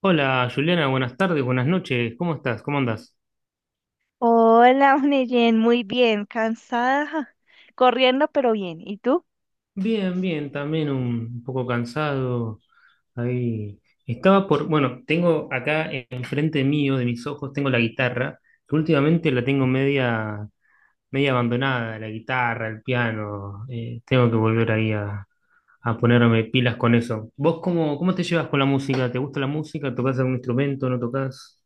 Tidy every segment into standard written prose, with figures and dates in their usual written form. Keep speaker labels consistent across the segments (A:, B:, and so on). A: Hola Juliana, buenas tardes, buenas noches, ¿cómo estás? ¿Cómo andás?
B: Hola, Oneyen, muy bien, cansada, ja, corriendo, pero bien. ¿Y tú?
A: Bien, bien, también un poco cansado. Ahí estaba por, bueno, tengo acá enfrente mío, de mis ojos, tengo la guitarra, que últimamente la tengo media, media abandonada, la guitarra, el piano. Tengo que volver ahí a ponerme pilas con eso. ¿Vos cómo, cómo te llevas con la música? ¿Te gusta la música? ¿Tocás algún instrumento? ¿No tocas?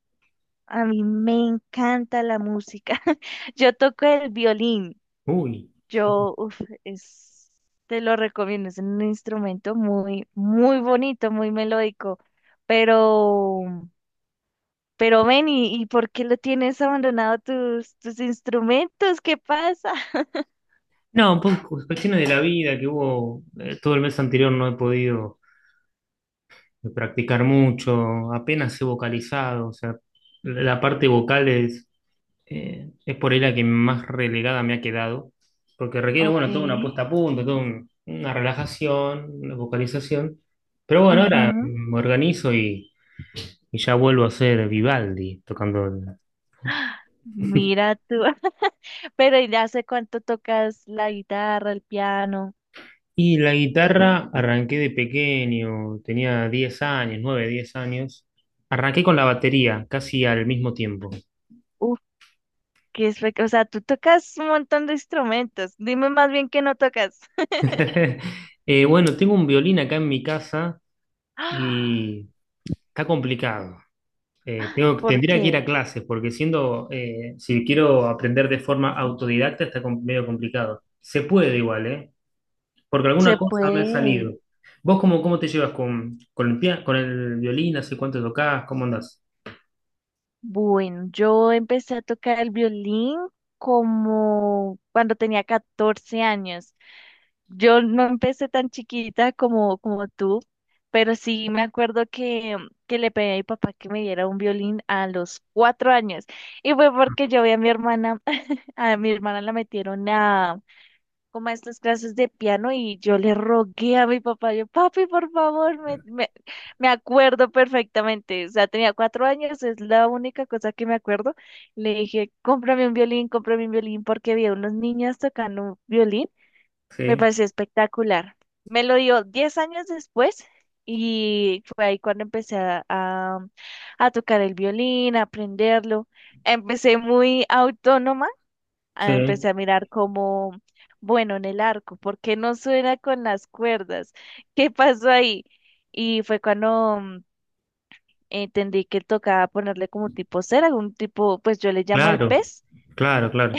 B: A mí me encanta la música. Yo toco el violín.
A: Uy.
B: Yo, uf, es, Te lo recomiendo. Es un instrumento muy, muy bonito, muy melódico. Pero, pero ven, ¿y por qué lo tienes abandonado tus instrumentos? ¿Qué pasa?
A: No, un poco cuestiones de la vida que hubo, todo el mes anterior no he podido. De practicar mucho, apenas he vocalizado, o sea, la parte vocal es por ahí la que más relegada me ha quedado, porque requiere,
B: Ok.
A: bueno, toda una puesta a punto, una relajación, una vocalización, pero bueno, ahora
B: ujú,
A: me organizo y ya vuelvo a ser Vivaldi tocando.
B: Mira tú. Pero ¿y hace cuánto tocas la guitarra, el piano?
A: Y la guitarra arranqué de pequeño, tenía 10 años, 9 10 años, arranqué con la batería casi al mismo tiempo.
B: Uf, o sea, tú tocas un montón de instrumentos. Dime más bien qué no tocas.
A: Bueno, tengo un violín acá en mi casa
B: ¡Ah!
A: y está complicado. Tengo,
B: ¿Por
A: tendría que ir a
B: qué?
A: clases porque siendo, si quiero aprender de forma autodidacta medio complicado. Se puede igual, ¿eh? Porque alguna
B: Se
A: cosa me ha
B: puede.
A: salido. ¿Vos cómo, cómo te llevas con, con el violín? ¿Hace cuánto tocás? ¿Cómo andás?
B: Bueno, yo empecé a tocar el violín como cuando tenía 14 años. Yo no empecé tan chiquita como tú, pero sí me acuerdo que le pedí a mi papá que me diera un violín a los 4 años. Y fue porque yo vi a mi hermana, a mi hermana la metieron a, como a estas clases de piano y yo le rogué a mi papá, yo, papi, por favor, me acuerdo perfectamente, o sea, tenía 4 años, es la única cosa que me acuerdo. Le dije, cómprame un violín, porque vi a unos niñas tocando un violín, me
A: Sí,
B: pareció espectacular. Me lo dio 10 años después y fue ahí cuando empecé a tocar el violín, a aprenderlo. Empecé muy autónoma,
A: sí.
B: empecé a mirar como, bueno, en el arco, ¿por qué no suena con las cuerdas? ¿Qué pasó ahí? Y fue cuando entendí que tocaba ponerle como tipo cera, algún tipo, pues yo le llamo el
A: Claro,
B: pez,
A: claro, claro.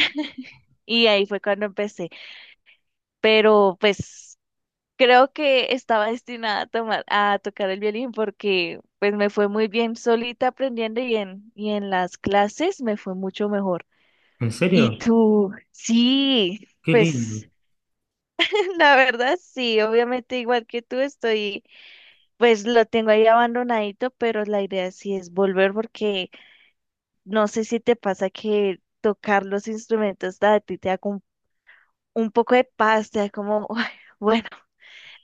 B: y ahí fue cuando empecé. Pero pues creo que estaba destinada a tocar el violín porque pues me fue muy bien solita aprendiendo y en las clases me fue mucho mejor.
A: ¿En
B: Y
A: serio?
B: tú, sí,
A: Qué lindo.
B: pues. La verdad, sí, obviamente igual que tú estoy, pues lo tengo ahí abandonadito, pero la idea sí es volver porque no sé si te pasa que tocar los instrumentos a ti te da como un poco de paz, te da como, "Uy, bueno,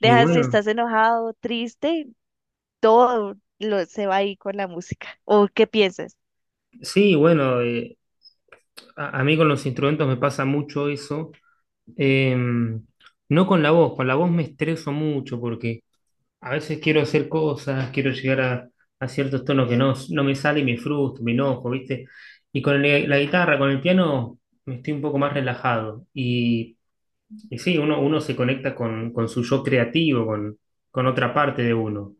A: Y
B: si
A: bueno,
B: estás enojado, triste, todo lo, se va ahí con la música. ¿O qué piensas?
A: sí, bueno, a mí con los instrumentos me pasa mucho eso. Eh, no con la voz, con la voz me estreso mucho porque a veces quiero hacer cosas, quiero llegar a ciertos tonos que no, no me sale y me frustro, me enojo, ¿viste? Y la guitarra, con el piano, me estoy un poco más relajado. Y sí, uno, uno se conecta con su yo creativo, con otra parte de uno,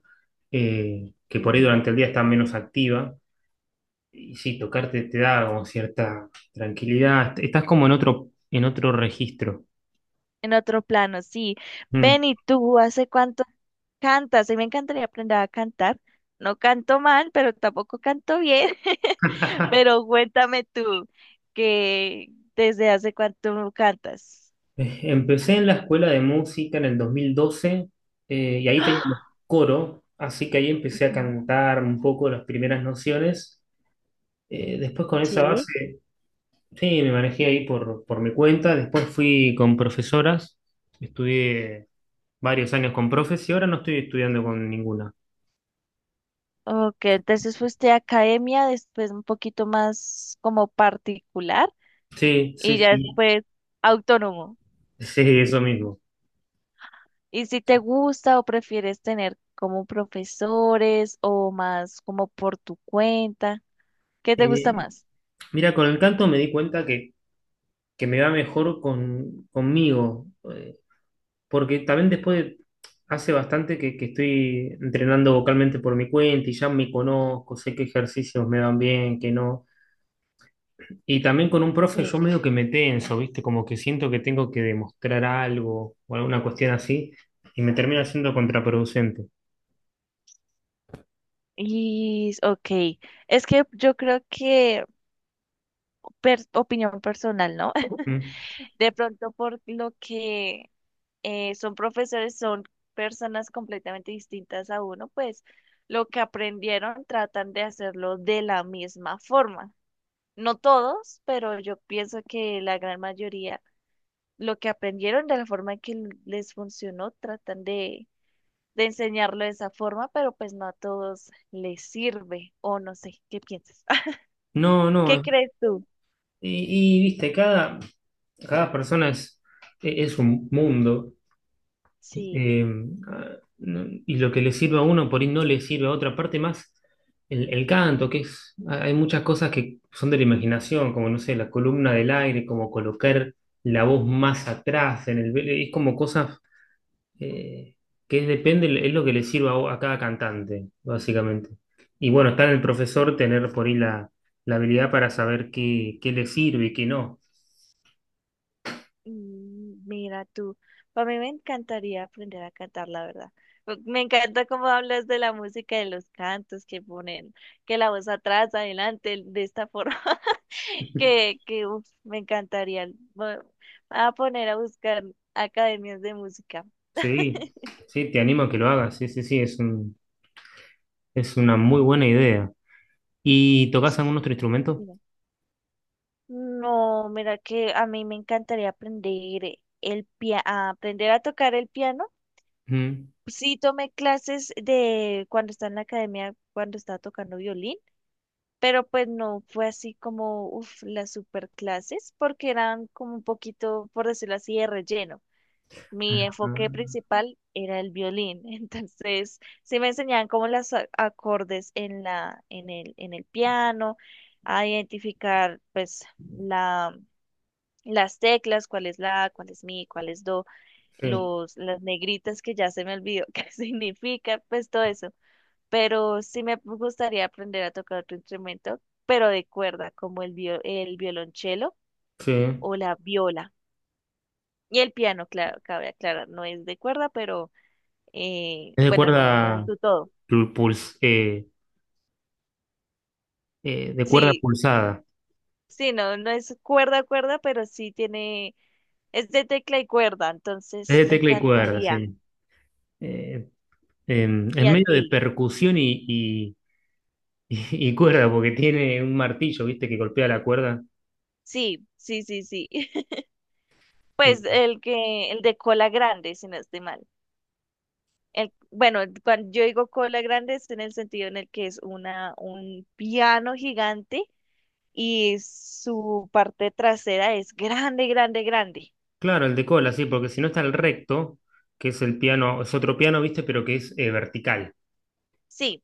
A: que por ahí
B: Sí.
A: durante el día está menos activa. Y sí, tocarte te da como cierta tranquilidad, estás como en otro registro.
B: En otro plano, sí.
A: Mm.
B: Ven y tú, ¿hace cuánto cantas? A mí me encantaría aprender a cantar. No canto mal, pero tampoco canto bien. Pero cuéntame tú, que desde hace cuánto cantas.
A: Empecé en la escuela de música en el 2012, y ahí teníamos
B: ¡Ah!
A: coro, así que ahí empecé a
B: Ujú.
A: cantar un poco las primeras nociones. Después con esa
B: Sí.
A: base, sí, me manejé ahí por mi cuenta. Después fui con profesoras, estudié varios años con profes y ahora no estoy estudiando con ninguna.
B: Ok, entonces fuiste a academia, después un poquito más como particular
A: Sí, sí,
B: y ya
A: sí,
B: después autónomo.
A: sí, eso mismo.
B: ¿Y si te gusta o prefieres tener como profesores o más como por tu cuenta? ¿Qué te gusta
A: Eh,
B: más?
A: Mira, con el canto me di cuenta que me va mejor con, conmigo. Porque también hace bastante que estoy entrenando vocalmente por mi cuenta y ya me conozco, sé qué ejercicios me van bien, qué no. Y también con un profe yo
B: Sí.
A: medio que me tenso, ¿viste? Como que siento que tengo que demostrar algo o alguna cuestión así y me termina siendo contraproducente.
B: Y, ok, es que yo creo que, opinión personal, ¿no?
A: ¿Mm?
B: De pronto por lo que son profesores, son personas completamente distintas a uno, pues lo que aprendieron tratan de hacerlo de la misma forma. No todos, pero yo pienso que la gran mayoría, lo que aprendieron de la forma que les funcionó, tratan de enseñarlo de esa forma, pero pues no a todos les sirve, o no sé, ¿qué piensas?
A: No, no,
B: ¿Qué
A: es-
B: crees tú?
A: Y, y, viste, cada, cada persona es un mundo.
B: Sí.
A: Eh, y lo que le sirve a uno, por ahí no le sirve a otra parte más. El canto, que es, ah, hay muchas cosas que son de la imaginación, como no sé, la columna del aire, como colocar la voz más atrás en el, es como cosas eh, depende, es lo que le sirva a cada cantante, básicamente. Y bueno, está en el profesor
B: Ajá.
A: tener por ahí la, la habilidad para saber qué, qué le sirve y qué no.
B: Mira tú, a mí me encantaría aprender a cantar, la verdad. Me encanta cómo hablas de la música, de los cantos que ponen, que la voz atrás, adelante, de esta forma, que uf, me encantaría. Voy a poner a buscar academias de música.
A: Sí, sí, te animo a que lo hagas, sí, sí, sí, es una muy buena idea. ¿Y tocas algún otro instrumento?
B: Mira. No, mira que a mí me encantaría a aprender a tocar el piano.
A: Mm.
B: Sí tomé clases de cuando estaba en la academia, cuando estaba tocando violín, pero pues no fue así como, las super clases, porque eran como un poquito, por decirlo así, de relleno. Mi enfoque
A: Ah,
B: principal era el violín, entonces sí me enseñaban como los acordes en el piano, a identificar pues la, las teclas, cuál es la, cuál es mi, cuál es do,
A: sí,
B: las negritas que ya se me olvidó qué significa, pues todo eso. Pero sí me gustaría aprender a tocar otro instrumento, pero de cuerda, como el violonchelo
A: sí.
B: o la viola. Y el piano, claro, cabe aclarar, no es de cuerda, pero
A: Es de
B: bueno, no, no es
A: cuerda
B: su todo.
A: pul- puls- eh, de cuerda
B: Sí,
A: pulsada.
B: sí, no, no es cuerda, cuerda, pero sí tiene, es de tecla y cuerda,
A: Es
B: entonces
A: de
B: me
A: tecla y cuerda,
B: encantaría.
A: sí. Eh, es
B: ¿Y a
A: medio de
B: ti?
A: percusión y, y cuerda, porque tiene un martillo, ¿viste? Que golpea la cuerda.
B: Sí, sí, sí, sí.
A: Eh,
B: Pues el de cola grande, si no estoy mal. Bueno, cuando yo digo cola grande es en el sentido en el que es un piano gigante y su parte trasera es grande, grande, grande.
A: claro, el de cola, sí, porque si no está el recto, que es el piano, es otro piano, ¿viste? Pero que es vertical.
B: Sí,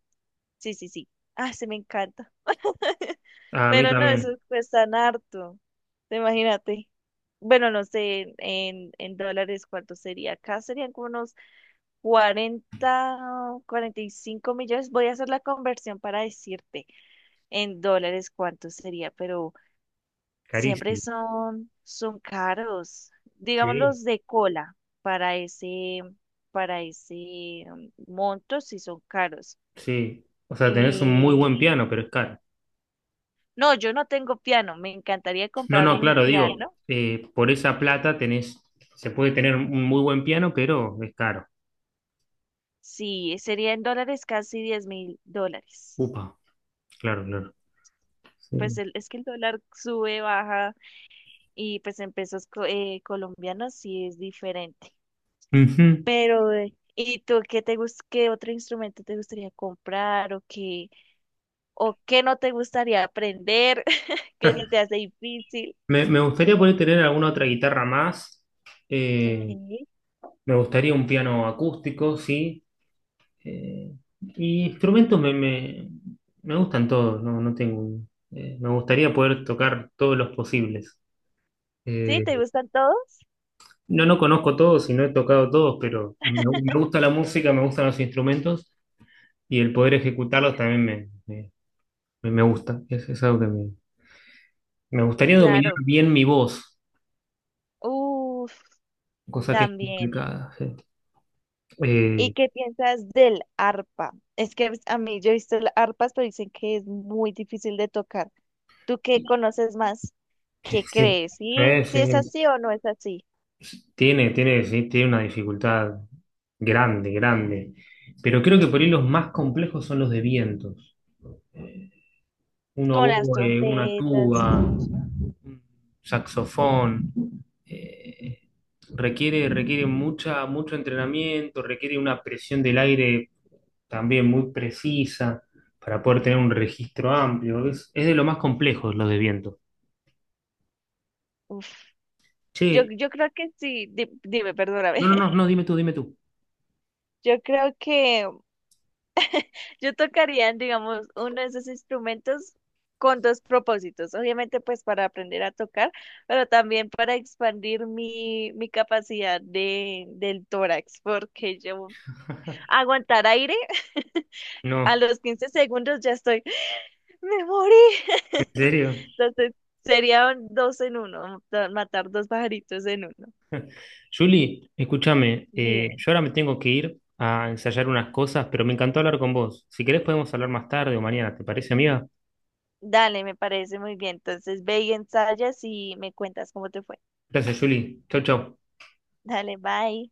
B: sí, sí, sí. Ah, se me encanta.
A: Ah, a mí
B: Pero no, eso
A: también,
B: cuesta harto. Imagínate. Bueno, no sé en dólares cuánto sería. Acá serían como unos cuarenta, 45 millones. Voy a hacer la conversión para decirte. En dólares, ¿cuánto sería? Pero siempre
A: carísimo.
B: son caros. Digamos
A: Sí.
B: los de cola para ese, para ese monto, sí son caros.
A: Sí. O sea, tenés un muy
B: Y
A: buen piano, pero es caro.
B: no, yo no tengo piano. Me encantaría
A: No, no,
B: comprarme un
A: claro, digo,
B: piano.
A: por esa plata tenés, se puede tener un muy buen piano, pero es caro.
B: Sí, sería en dólares casi $10,000.
A: Upa, claro, claro. Sí.
B: Pues es que el dólar sube, baja y pues en pesos colombianos sí es diferente.
A: Ujú.
B: Pero, ¿y tú qué otro instrumento te gustaría comprar o qué no te gustaría aprender, que se te hace difícil?
A: Me gustaría poder tener alguna otra guitarra más. Eh,
B: Okay.
A: Me gustaría un piano acústico, sí. Eh, y instrumentos me, me, me gustan todos, no, no tengo. Me gustaría poder tocar todos los posibles.
B: ¿Sí?
A: Eh,
B: ¿Te gustan todos?
A: no, no conozco todos y no he tocado todos, pero me gusta la música, me gustan los instrumentos. Y el poder ejecutarlos también me gusta. Es algo que me gustaría dominar
B: Claro.
A: bien mi voz,
B: Uf,
A: cosa que es
B: también.
A: complicada. Sí,
B: ¿Y
A: Eh,
B: qué piensas del arpa? Es que pues, a mí yo he visto las arpas, pero dicen que es muy difícil de tocar. ¿Tú qué conoces más? ¿Qué
A: sí,
B: crees? ¿Sí? ¿Sí es
A: sí.
B: así o no es así?
A: Sí. Tiene, tiene, sí, tiene una dificultad grande, grande. Pero creo que por ahí los más complejos son los de vientos. Un
B: Con las
A: oboe, una
B: trompetas,
A: tuba,
B: los...
A: un saxofón. eh, Requiere, requiere mucha, mucho entrenamiento, requiere una presión del aire también muy precisa para poder tener un registro amplio. Es de lo más complejo lo de viento.
B: Uf. Yo,
A: Che,
B: yo creo que sí, dime, perdóname.
A: no, no, no, no, dime tú, dime tú.
B: Yo creo que yo tocaría, digamos, uno de esos instrumentos con dos propósitos. Obviamente, pues para aprender a tocar, pero también para expandir mi capacidad del tórax, porque yo aguantar aire a
A: No,
B: los 15 segundos ya estoy, me morí.
A: ¿en serio?
B: Entonces, serían dos en uno, matar dos pajaritos en uno.
A: Julie, escúchame,
B: Dime.
A: yo ahora me tengo que ir a ensayar unas cosas, pero me encantó hablar con vos. Si querés podemos hablar más tarde o mañana, ¿te parece, amiga?
B: Dale, me parece muy bien. Entonces ve y ensayas y me cuentas cómo te fue.
A: Gracias, Julie. Chau, chau.
B: Dale, bye.